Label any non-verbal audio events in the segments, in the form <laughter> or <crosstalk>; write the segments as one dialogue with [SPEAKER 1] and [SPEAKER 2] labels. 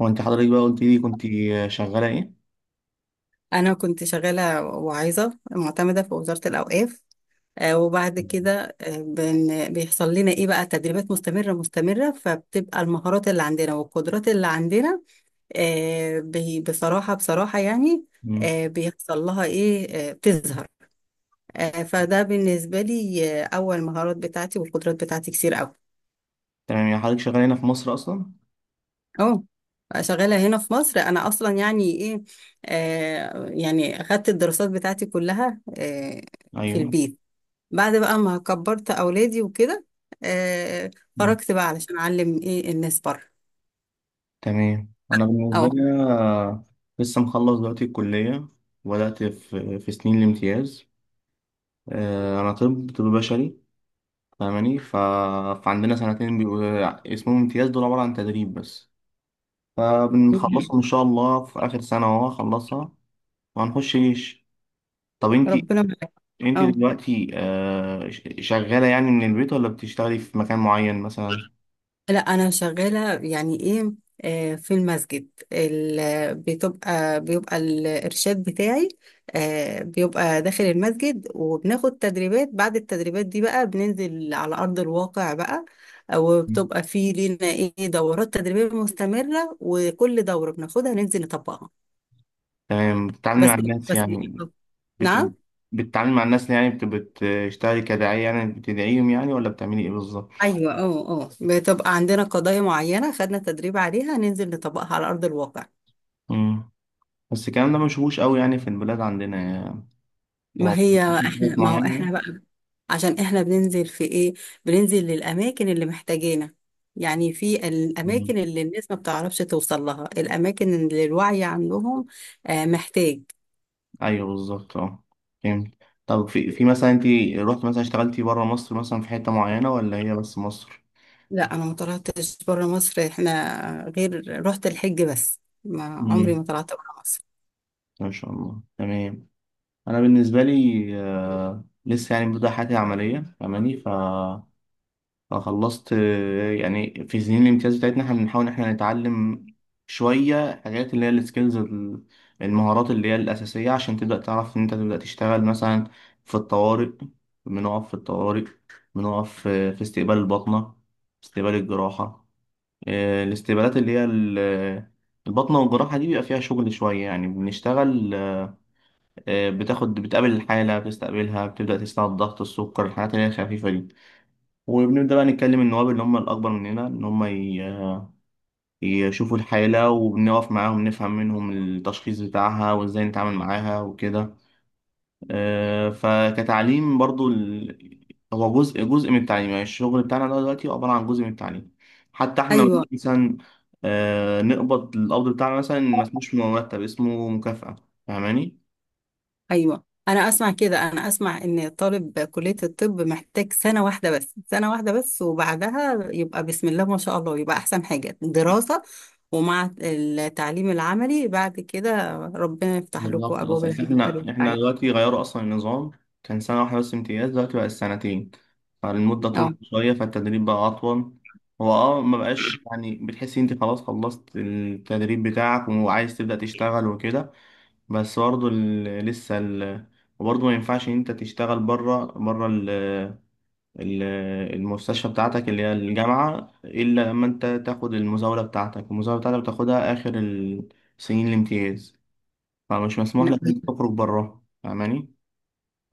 [SPEAKER 1] هو انت حضرتك بقى قلت لي كنت شغالة ايه؟
[SPEAKER 2] أنا كنت شغالة واعظة معتمدة في وزارة الأوقاف. وبعد كده بيحصل لنا إيه بقى تدريبات مستمرة فبتبقى المهارات اللي عندنا والقدرات اللي عندنا بصراحة يعني
[SPEAKER 1] مم.
[SPEAKER 2] بيحصل لها إيه بتظهر. فده بالنسبة لي أول مهارات بتاعتي والقدرات بتاعتي كتير أوي.
[SPEAKER 1] تمام، يعني حضرتك شغالة هنا في مصر أصلا؟
[SPEAKER 2] أه. شغالة هنا في مصر أنا أصلا يعني إيه. يعني أخدت الدراسات بتاعتي كلها في
[SPEAKER 1] أيوه.
[SPEAKER 2] البيت بعد بقى ما كبرت اولادي وكده. آه.
[SPEAKER 1] مم.
[SPEAKER 2] خرجت بقى علشان اعلم ايه الناس بره.
[SPEAKER 1] تمام، أنا بالنسبة
[SPEAKER 2] اه.
[SPEAKER 1] لي أنا لسه مخلص دلوقتي الكلية وبدأت في سنين الامتياز. أنا طب بشري، فاهماني؟ فعندنا سنتين بيبقوا اسمهم امتياز، دول عبارة عن تدريب بس.
[SPEAKER 2] <laughs>
[SPEAKER 1] فبنخلصهم إن شاء الله في آخر سنة أهو هخلصها وهنخش جيش. طب أنت،
[SPEAKER 2] ربنا معاك.
[SPEAKER 1] انت
[SPEAKER 2] اه.
[SPEAKER 1] دلوقتي شغالة يعني من البيت ولا بتشتغلي في مكان معين مثلا؟
[SPEAKER 2] لا انا شغاله يعني ايه في المسجد بتبقى بيبقى الارشاد بتاعي. بيبقى داخل المسجد وبناخد تدريبات، بعد التدريبات دي بقى بننزل على ارض الواقع بقى. وبتبقى في لينا ايه دورات تدريبيه مستمره، وكل دوره بناخدها ننزل نطبقها.
[SPEAKER 1] تمام، بتتعاملي مع
[SPEAKER 2] بس
[SPEAKER 1] الناس
[SPEAKER 2] بس
[SPEAKER 1] يعني بت...
[SPEAKER 2] نعم.
[SPEAKER 1] بتتعاملي مع الناس يعني بتشتغلي كداعية يعني بتدعيهم يعني ولا بتعملي ايه بالظبط؟
[SPEAKER 2] ايوه اه بتبقى عندنا قضايا معينه خدنا تدريب عليها، ننزل نطبقها على ارض الواقع.
[SPEAKER 1] مم. بس الكلام ده ما بنشوفوش قوي يعني في البلاد عندنا يعني. هو مفيش حاجات
[SPEAKER 2] ما هو
[SPEAKER 1] معينة؟
[SPEAKER 2] احنا بقى، عشان احنا بننزل في ايه، بننزل للاماكن اللي محتاجينها، يعني في
[SPEAKER 1] مم.
[SPEAKER 2] الاماكن اللي الناس ما بتعرفش توصل لها، الاماكن اللي الوعي عندهم محتاج.
[SPEAKER 1] ايوه بالظبط اه. فهمت. طب في مثلا انت رحت مثلا اشتغلتي بره مصر مثلا في حتة معينة ولا هي بس مصر؟
[SPEAKER 2] لا انا ما طلعتش بره مصر، احنا غير رحت الحج بس، ما عمري
[SPEAKER 1] مم.
[SPEAKER 2] ما طلعت بره مصر.
[SPEAKER 1] ما شاء الله، تمام. انا بالنسبه لي لسه يعني ببدا حياتي عمليه، فاهماني؟ ف فخلصت، يعني في سنين الامتياز بتاعتنا احنا بنحاول ان احنا نتعلم شويه حاجات اللي هي السكيلز، المهارات اللي هي الاساسيه عشان تبدا تعرف ان انت تبدا تشتغل مثلا في الطوارئ. بنقف في الطوارئ، بنقف في استقبال البطنه، استقبال الجراحه. الاستقبالات اللي هي البطنه والجراحه دي بيبقى فيها شغل شويه يعني بنشتغل. بتاخد بتقابل الحالة بتستقبلها بتبدأ تسمع الضغط السكر الحاجات اللي هي الخفيفة دي. وبنبدأ بقى نتكلم النواب اللي هم الأكبر مننا إن هم يشوفوا الحالة وبنقف معاهم نفهم منهم التشخيص بتاعها وإزاي نتعامل معاها وكده. آه، فكتعليم برضو ال... هو جزء من التعليم، يعني الشغل بتاعنا ده دلوقتي عبارة عن جزء من التعليم. حتى احنا
[SPEAKER 2] ايوه.
[SPEAKER 1] مثلا نقبض القبض بتاعنا مثلا ما اسموش مرتب، اسمه مكافأة، فاهماني؟
[SPEAKER 2] ايوه، انا اسمع كده، انا اسمع ان طالب كلية الطب محتاج سنة واحدة بس، سنة واحدة بس، وبعدها يبقى بسم الله ما شاء الله يبقى احسن حاجة دراسة. ومع التعليم العملي بعد كده ربنا يفتح لكم
[SPEAKER 1] بالظبط، بس
[SPEAKER 2] ابواب
[SPEAKER 1] يعني
[SPEAKER 2] الخير
[SPEAKER 1] احنا
[SPEAKER 2] والسعادة.
[SPEAKER 1] دلوقتي غيروا اصلا النظام. كان سنة واحدة بس امتياز، دلوقتي بقى السنتين، فالمدة
[SPEAKER 2] اه.
[SPEAKER 1] طولت شوية فالتدريب بقى أطول. هو اه ما بقاش يعني بتحس انت خلاص خلصت التدريب بتاعك وعايز تبدأ تشتغل وكده، بس برضه وبرضه ما ينفعش ان انت تشتغل ال... المستشفى بتاعتك اللي هي الجامعة، إلا لما انت تاخد المزاولة بتاعتك. المزاولة بتاعتك بتاخدها آخر سنين الامتياز، فمش مسموح لك انك تخرج بره، فاهماني؟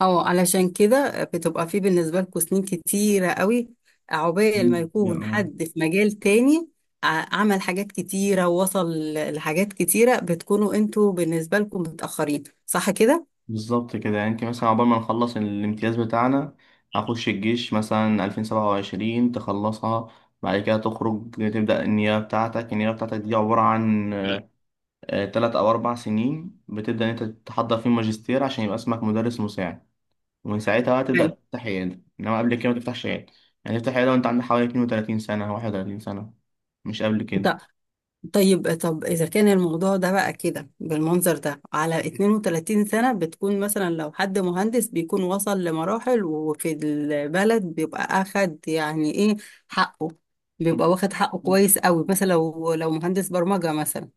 [SPEAKER 2] اه، علشان كده بتبقى في بالنسبة لكم سنين كتيرة قوي، عقبال ما
[SPEAKER 1] مم.
[SPEAKER 2] يكون
[SPEAKER 1] يعني
[SPEAKER 2] حد في مجال تاني عمل حاجات كتيرة ووصل لحاجات كتيرة، بتكونوا انتوا بالنسبة لكم متأخرين، صح كده؟
[SPEAKER 1] بالظبط كده. يعني انت مثلا عقبال ما نخلص الامتياز بتاعنا، هخش الجيش مثلا 2027 تخلصها. بعد كده تخرج تبدأ النيابة بتاعتك. النيابة بتاعتك دي عبارة عن تلات أو أربع سنين بتبدأ إن أنت تحضر فيه ماجستير عشان يبقى اسمك مدرس مساعد. ومن ساعتها بقى تبدأ
[SPEAKER 2] أيوة.
[SPEAKER 1] تفتح عيادة، إنما قبل كده ما تفتحش عيادة. يعني تفتح عيادة وأنت عندك حوالي 32 سنة، 31 سنة، مش قبل كده.
[SPEAKER 2] ط- طيب، طب إذا كان الموضوع ده بقى كده بالمنظر ده على 32 سنة، بتكون مثلا لو حد مهندس بيكون وصل لمراحل وفي البلد بيبقى أخد يعني إيه حقه، بيبقى واخد حقه
[SPEAKER 1] مم.
[SPEAKER 2] كويس قوي مثلا لو مهندس برمجة مثلا.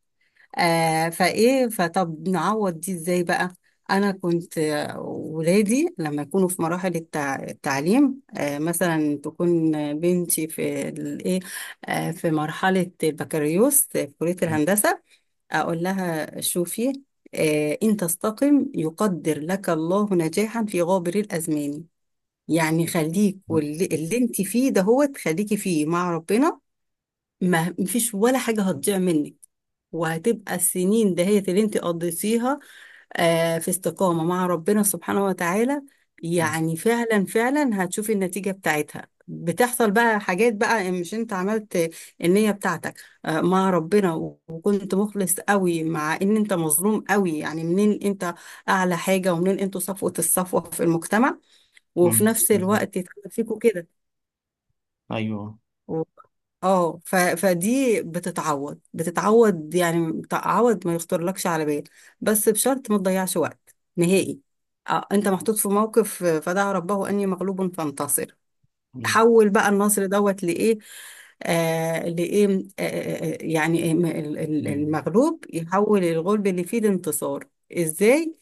[SPEAKER 2] فايه، فطب نعوض دي ازاي بقى؟ انا كنت ولادي لما يكونوا في مراحل التعليم مثلا تكون بنتي في الايه في مرحله البكالوريوس في كليه الهندسه، اقول لها شوفي، ان تستقم يقدر لك الله نجاحا في غابر الازمان. يعني خليك
[SPEAKER 1] بالظبط.
[SPEAKER 2] واللي اللي انت فيه ده هو تخليكي فيه مع ربنا. ما مفيش ولا حاجة هتضيع منك، وهتبقى السنين دهيت اللي انت قضيتيها في استقامة مع ربنا سبحانه وتعالى. يعني فعلا هتشوفي النتيجة بتاعتها، بتحصل بقى حاجات بقى مش انت عملت النية بتاعتك مع ربنا، وكنت مخلص قوي مع ان انت مظلوم قوي، يعني منين انت اعلى حاجة، ومنين انتوا صفوة الصفوة في المجتمع، وفي
[SPEAKER 1] مم.
[SPEAKER 2] نفس
[SPEAKER 1] بالظبط.
[SPEAKER 2] الوقت يتحدث فيكوا كده.
[SPEAKER 1] ايوه.
[SPEAKER 2] اه فدي بتتعوض يعني تعوض ما يخطرلكش على بال، بس بشرط ما تضيعش وقت نهائي. انت محطوط في موقف، فدعا ربه اني مغلوب فانتصر.
[SPEAKER 1] بز-
[SPEAKER 2] حول بقى النصر دوت لايه، لايه، يعني
[SPEAKER 1] ايوه،
[SPEAKER 2] المغلوب يحول الغلب اللي فيه الانتصار. ازاي؟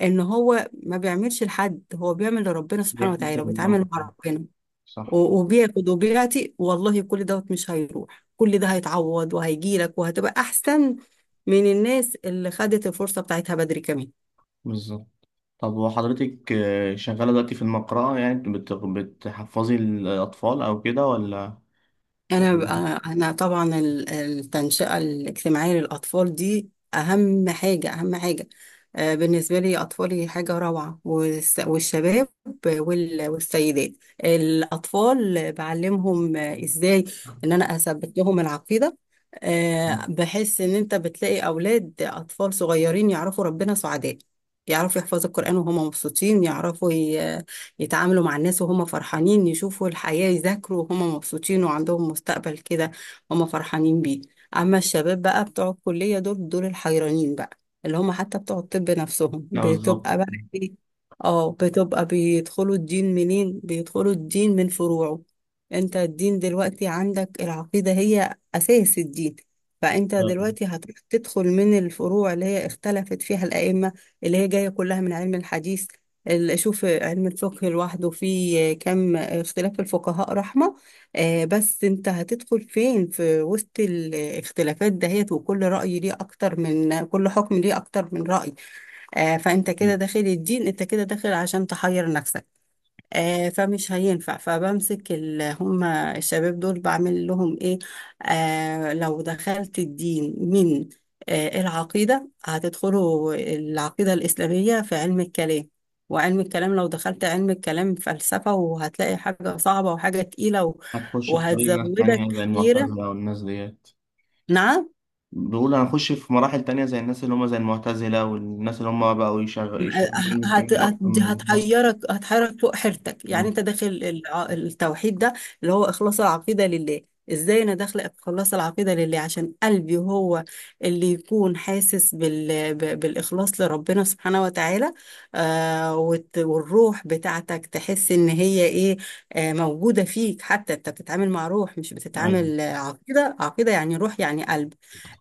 [SPEAKER 2] ان هو ما بيعملش لحد، هو بيعمل لربنا سبحانه وتعالى
[SPEAKER 1] بيحتسب الامر.
[SPEAKER 2] وبيتعامل مع ربنا
[SPEAKER 1] صح.
[SPEAKER 2] وبياخد وبيعطي والله، كل دوت مش هيروح، كل ده هيتعوض وهيجيلك وهتبقى احسن من الناس اللي خدت الفرصة بتاعتها بدري كمان.
[SPEAKER 1] بالظبط. طب وحضرتك شغاله دلوقتي في المقرأة يعني بتحفظي الاطفال او كده ولا؟ <laughs>
[SPEAKER 2] أنا طبعا التنشئة الاجتماعية للأطفال دي أهم حاجة بالنسبة لي. أطفالي حاجة روعة، والشباب والسيدات. الأطفال بعلمهم إزاي إن أنا أثبت لهم العقيدة.
[SPEAKER 1] ولا-
[SPEAKER 2] بحس إن أنت بتلاقي أولاد أطفال صغيرين يعرفوا ربنا، سعداء، يعرفوا يحفظوا القرآن وهم مبسوطين، يعرفوا يتعاملوا مع الناس وهم فرحانين، يشوفوا الحياة، يذاكروا وهم مبسوطين، وعندهم مستقبل كده هم فرحانين بيه. أما الشباب بقى بتوع الكلية دول الحيرانين بقى، اللي هم حتى بتوع الطب نفسهم
[SPEAKER 1] لا بالظبط،
[SPEAKER 2] بتبقى بقى إيه؟ اه، بتبقى بيدخلوا الدين منين، بيدخلوا الدين من فروعه. انت الدين دلوقتي عندك العقيدة هي أساس الدين، فانت دلوقتي هتروح تدخل من الفروع اللي هي اختلفت فيها الأئمة، اللي هي جاية كلها من علم الحديث. اشوف علم الفقه لوحده فيه كم اختلاف الفقهاء رحمة. بس انت هتدخل فين في وسط الاختلافات دهيت، وكل رأي ليه اكتر، من كل حكم ليه اكتر من رأي. فانت كده داخل الدين، انت كده داخل عشان تحير نفسك. فمش هينفع، فبمسك هم الشباب دول بعمل لهم ايه؟ لو دخلت الدين من العقيدة، هتدخلوا العقيدة الإسلامية في علم الكلام. وعلم الكلام لو دخلت علم الكلام فلسفة، وهتلاقي حاجة صعبة وحاجة تقيلة
[SPEAKER 1] هتخش في طريق ناس
[SPEAKER 2] وهتزودك
[SPEAKER 1] تانية زي
[SPEAKER 2] حيرة.
[SPEAKER 1] المعتزلة والناس ديت.
[SPEAKER 2] نعم.
[SPEAKER 1] بيقول هنخش في مراحل تانية زي الناس اللي هم زي المعتزلة والناس اللي هم بقوا يشغلوا علم
[SPEAKER 2] هت...
[SPEAKER 1] الكلام
[SPEAKER 2] هت...
[SPEAKER 1] أكتر من النص.
[SPEAKER 2] هتحيرك، هتحيرك فوق حيرتك. يعني
[SPEAKER 1] مم.
[SPEAKER 2] انت داخل التوحيد ده اللي هو اخلاص العقيده لله. ازاي انا داخله اخلص العقيده لله، عشان قلبي هو اللي يكون حاسس بالاخلاص لربنا سبحانه وتعالى. والروح بتاعتك تحس ان هي ايه، موجوده فيك. حتى انت بتتعامل مع روح، مش
[SPEAKER 1] أيوه.
[SPEAKER 2] بتتعامل عقيده يعني روح، يعني قلب.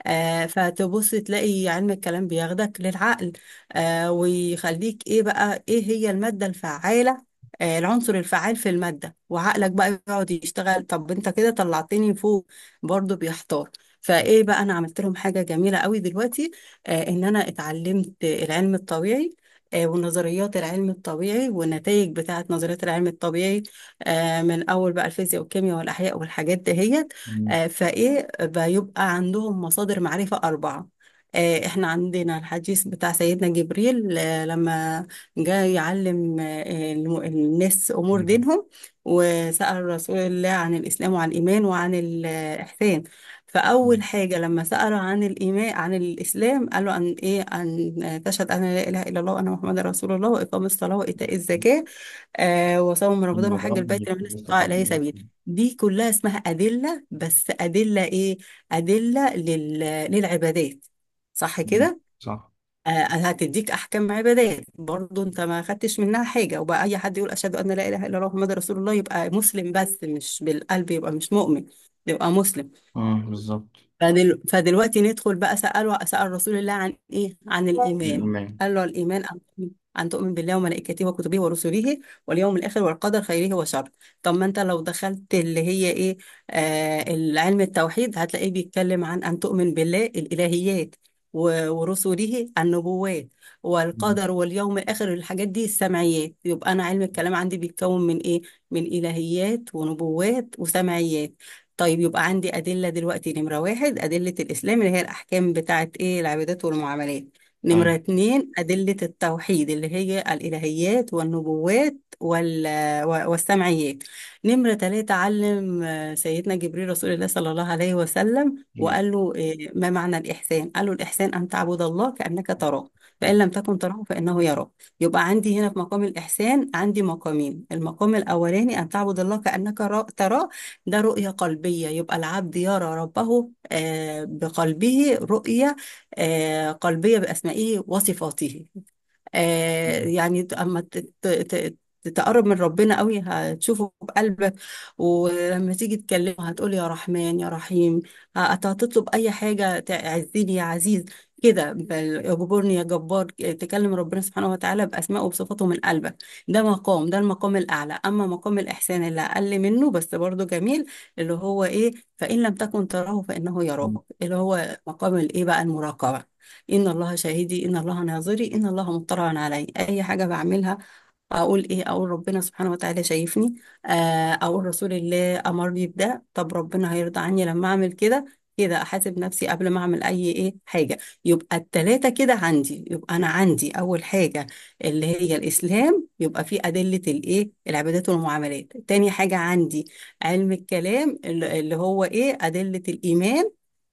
[SPEAKER 2] فتبص تلاقي علم الكلام بياخدك للعقل، ويخليك ايه بقى، ايه هي المادة الفعالة، العنصر الفعال في المادة، وعقلك بقى يقعد يشتغل. طب انت كده طلعتني فوق، برضو بيحتار. فايه بقى، انا عملت لهم حاجة جميلة قوي دلوقتي، ان انا اتعلمت العلم الطبيعي ونظريات العلم الطبيعي والنتائج بتاعت نظريات العلم الطبيعي من أول بقى الفيزياء والكيمياء والأحياء والحاجات دهيت.
[SPEAKER 1] <laughs>
[SPEAKER 2] فإيه بيبقى عندهم مصادر معرفة أربعة. احنا عندنا الحديث بتاع سيدنا جبريل لما جاء يعلم الناس امور دينهم، وسأل رسول الله عن الاسلام وعن الايمان وعن الاحسان. فاول
[SPEAKER 1] مم.
[SPEAKER 2] حاجه لما سأله عن الايمان عن الاسلام، قال له ان ايه، ان تشهد ان لا اله الا الله وان محمد رسول الله، واقام الصلاه، وايتاء الزكاه، وصوم رمضان، وحج
[SPEAKER 1] الموضوع ده مش
[SPEAKER 2] البيت لمن استطاع
[SPEAKER 1] بيستطاع.
[SPEAKER 2] إليه سبيل. دي كلها اسمها أدلة، بس أدلة إيه؟ أدلة لل... للعبادات، صح
[SPEAKER 1] مم.
[SPEAKER 2] كده؟
[SPEAKER 1] صح.
[SPEAKER 2] هتديك أحكام عبادات، برضو أنت ما خدتش منها حاجة، وبقى أي حد يقول أشهد أن لا إله إلا الله محمد رسول الله يبقى مسلم، بس مش بالقلب، يبقى مش مؤمن، يبقى مسلم.
[SPEAKER 1] مم. بالظبط.
[SPEAKER 2] فدلوقتي ندخل بقى، سأله، سأل رسول الله عن إيه؟ عن الإيمان.
[SPEAKER 1] الإيمان.
[SPEAKER 2] قال له الإيمان أن تؤمن، أن تؤمن بالله وملائكته وكتبه ورسله واليوم الآخر والقدر خيره وشره. طب ما أنت لو دخلت اللي هي إيه، علم التوحيد، هتلاقيه بيتكلم عن أن تؤمن بالله الإلهيات، ورسله النبوات،
[SPEAKER 1] مم.
[SPEAKER 2] والقدر واليوم الآخر الحاجات دي السمعيات. يبقى أنا علم الكلام عندي بيتكون من إيه؟ من إلهيات ونبوات وسمعيات. طيب يبقى عندي أدلة دلوقتي، نمرة واحد أدلة الإسلام اللي هي الأحكام بتاعة إيه العبادات والمعاملات.
[SPEAKER 1] أيوه.
[SPEAKER 2] نمرة اتنين أدلة التوحيد اللي هي الإلهيات والنبوات والسمعيات. نمرة تلاتة، علم سيدنا جبريل رسول الله صلى الله عليه وسلم
[SPEAKER 1] جامد.
[SPEAKER 2] وقال له ما معنى الإحسان، قال له الإحسان أن تعبد الله كأنك تراه، فإن لم تكن تراه فإنه يراك. يبقى عندي هنا في مقام الإحسان عندي مقامين، المقام الأولاني أن تعبد الله كأنك تراه، ده رؤية قلبية، يبقى العبد يرى ربه بقلبه رؤية قلبية بأسمائه وصفاته. يعني اما تقرب من ربنا قوي هتشوفه بقلبك، ولما تيجي تكلمه هتقول يا رحمن يا رحيم، هتطلب اي حاجه، تعزني يا عزيز كده، اجبرني يا جبار، تكلم ربنا سبحانه وتعالى باسمائه وبصفاته من قلبك. ده مقام، ده المقام الاعلى. اما مقام الاحسان اللي اقل منه بس برضه جميل، اللي هو ايه، فان لم تكن تراه فانه يراك،
[SPEAKER 1] مم.
[SPEAKER 2] اللي هو مقام الايه بقى، المراقبه. إن الله شاهدي، إن الله ناظري، إن الله مطلع علي أي حاجة بعملها. اقول ايه، اقول ربنا سبحانه وتعالى شايفني، آه، اقول رسول الله امرني بده، طب ربنا هيرضى عني لما اعمل كده، كده احاسب نفسي قبل ما اعمل اي ايه حاجه. يبقى التلاته كده عندي، يبقى انا عندي اول حاجه اللي هي الاسلام، يبقى في ادله الايه العبادات والمعاملات. تاني حاجه عندي علم الكلام اللي هو ايه ادله الايمان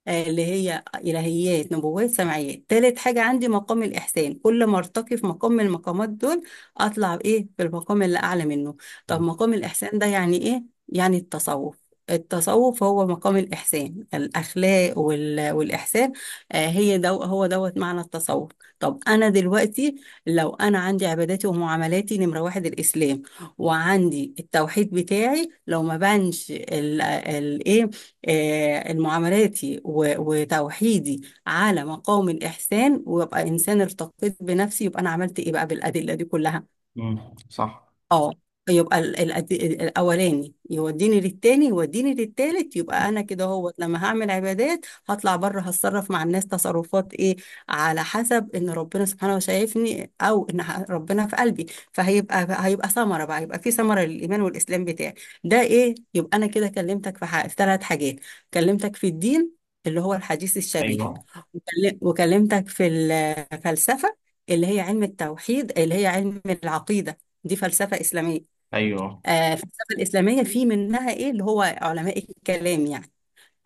[SPEAKER 2] اللي هي إلهيات نبوات سمعيات. تالت حاجة عندي مقام الإحسان. كل ما ارتقي في مقام من المقامات دول اطلع بايه بالمقام اللي اعلى منه. طب مقام الاحسان ده يعني ايه، يعني التصوف. التصوف هو مقام الإحسان، الأخلاق والإحسان. هو دوت معنى التصوف. طب أنا دلوقتي لو أنا عندي عباداتي ومعاملاتي، نمرة واحد الإسلام، وعندي التوحيد بتاعي، لو ما بانش إيه معاملاتي وتوحيدي على مقام الإحسان، ويبقى إنسان ارتقيت بنفسي، يبقى أنا عملت إيه بقى بالأدلة دي كلها.
[SPEAKER 1] مم. صح.
[SPEAKER 2] اه. يبقى الاولاني يوديني للتاني يوديني للتالت. يبقى انا كده، هو لما هعمل عبادات هطلع بره، هتصرف مع الناس تصرفات ايه، على حسب ان ربنا سبحانه شايفني او ان ربنا في قلبي. فهيبقى ثمره بقى، يبقى في ثمره للايمان والاسلام بتاعي. ده ايه، يبقى انا كده كلمتك في في ثلاث حاجات. كلمتك في الدين اللي هو الحديث الشريف،
[SPEAKER 1] أيوه.
[SPEAKER 2] وكلمتك في الفلسفه اللي هي علم التوحيد اللي هي علم العقيده، دي فلسفة إسلامية.
[SPEAKER 1] أيوه.
[SPEAKER 2] الفلسفة الإسلامية في منها إيه اللي هو علماء الكلام يعني.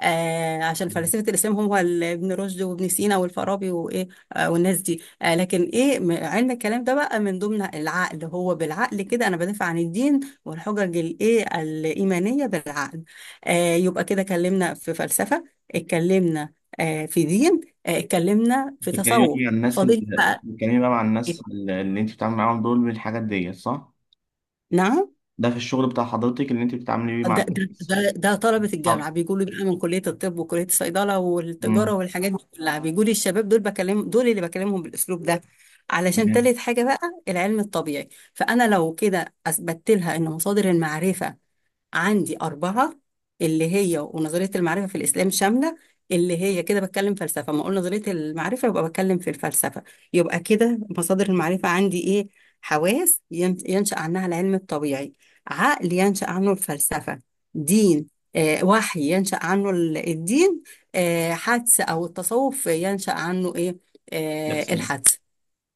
[SPEAKER 2] عشان
[SPEAKER 1] مم.
[SPEAKER 2] فلسفة الإسلام هو ابن رشد وابن سينا والفارابي وإيه والناس دي، آه لكن إيه علم الكلام ده بقى من ضمن العقل، هو بالعقل كده أنا بدافع عن الدين، والحجج الإيه الإيمانية بالعقل. يبقى كده اتكلمنا في فلسفة، اتكلمنا في دين، اتكلمنا في
[SPEAKER 1] بتتكلمي بقى
[SPEAKER 2] تصوف،
[SPEAKER 1] مع الناس اللي
[SPEAKER 2] فاضل بقى.
[SPEAKER 1] بتتكلمي بقى مع
[SPEAKER 2] إيه؟
[SPEAKER 1] الناس اللي أنت بتتعاملي معاهم دول بالحاجات ديت، صح؟
[SPEAKER 2] نعم.
[SPEAKER 1] ده في الشغل بتاع حضرتك اللي أنت بتتعاملي بيه مع الناس.
[SPEAKER 2] ده طلبة
[SPEAKER 1] حاضر.
[SPEAKER 2] الجامعة بيقولوا بقى من كلية الطب وكلية الصيدلة
[SPEAKER 1] مم.
[SPEAKER 2] والتجارة والحاجات دي كلها، بيقولي الشباب دول بكلم دول اللي بكلمهم بالأسلوب ده، علشان
[SPEAKER 1] تمام.
[SPEAKER 2] تالت حاجة بقى العلم الطبيعي. فأنا لو كده أثبتت لها إن مصادر المعرفة عندي أربعة، اللي هي ونظرية المعرفة في الإسلام شاملة، اللي هي كده بتكلم فلسفة، ما أقول نظرية المعرفة يبقى بتكلم في الفلسفة. يبقى كده مصادر المعرفة عندي إيه، حواس ينشأ عنها العلم الطبيعي، عقل ينشأ عنه الفلسفة، دين، وحي ينشأ عنه الدين، حدس أو التصوف ينشأ عنه إيه،
[SPEAKER 1] الإحسان.
[SPEAKER 2] الحدس.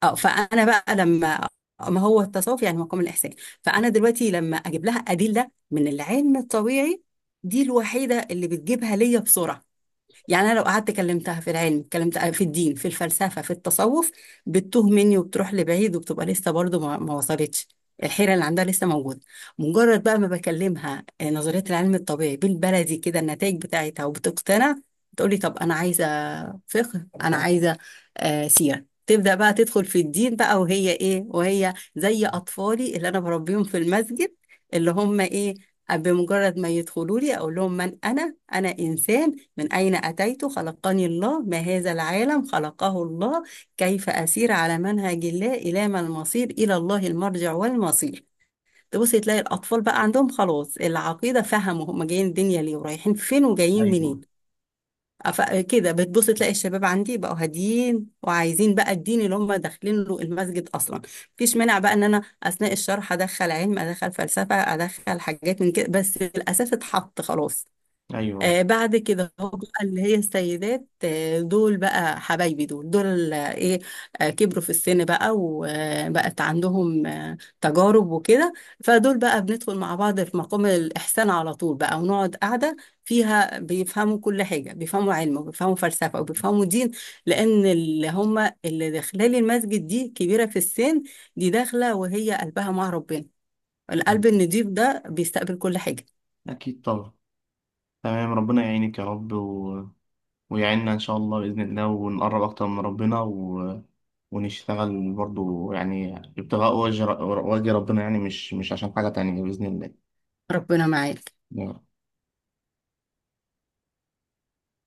[SPEAKER 2] اه فانا بقى لما، ما هو التصوف يعني مقام الاحسان. فانا دلوقتي لما اجيب لها ادله من العلم الطبيعي، دي الوحيده اللي بتجيبها ليا بسرعه. يعني انا لو قعدت كلمتها في العلم، كلمتها في الدين في الفلسفه في التصوف، بتتوه مني وبتروح لبعيد، وبتبقى لسه برضه ما وصلتش، الحيره اللي عندها لسه موجوده. مجرد بقى ما بكلمها نظريه العلم الطبيعي بالبلدي كده النتائج بتاعتها، وبتقتنع، تقولي طب انا عايزه فقه، انا عايزه سيره، تبدا بقى تدخل في الدين بقى وهي ايه، وهي زي اطفالي اللي انا بربيهم في المسجد اللي هم ايه. بمجرد ما يدخلوا لي اقول لهم من انا، انا انسان، من أين أتيت، خلقني الله، ما هذا العالم، خلقه الله، كيف أسير على منهج الله، إلى ما المصير، إلى الله المرجع والمصير. تبص تلاقي الأطفال بقى عندهم خلاص العقيدة، فهموا هم جايين الدنيا ليه ورايحين فين وجايين
[SPEAKER 1] أيوه.
[SPEAKER 2] منين. كده بتبص تلاقي الشباب عندي بقوا هاديين وعايزين بقى الدين اللي هم داخلين له المسجد اصلا. مفيش مانع بقى ان انا اثناء الشرح ادخل علم ادخل فلسفه ادخل حاجات من كده، بس الاساس اتحط خلاص.
[SPEAKER 1] أيوه.
[SPEAKER 2] بعد كده هو بقى اللي هي السيدات دول بقى حبايبي دول آه ايه، كبروا في السن بقى وبقت عندهم تجارب وكده. فدول بقى بندخل مع بعض في مقام الإحسان على طول بقى، ونقعد قاعدة فيها بيفهموا كل حاجة، بيفهموا علم وبيفهموا فلسفة وبيفهموا دين. لأن اللي هم اللي داخلين المسجد دي كبيرة في السن، دي داخلة وهي قلبها مع ربنا، القلب
[SPEAKER 1] مم.
[SPEAKER 2] النضيف ده بيستقبل كل حاجة.
[SPEAKER 1] أكيد طبعا. تمام، ربنا يعينك يا رب و... ويعيننا إن شاء الله بإذن الله ونقرب أكتر من ربنا و... ونشتغل برضو يعني ابتغاء وجه ربنا، يعني مش عشان حاجة تانية، بإذن
[SPEAKER 2] ربنا معاك.
[SPEAKER 1] الله.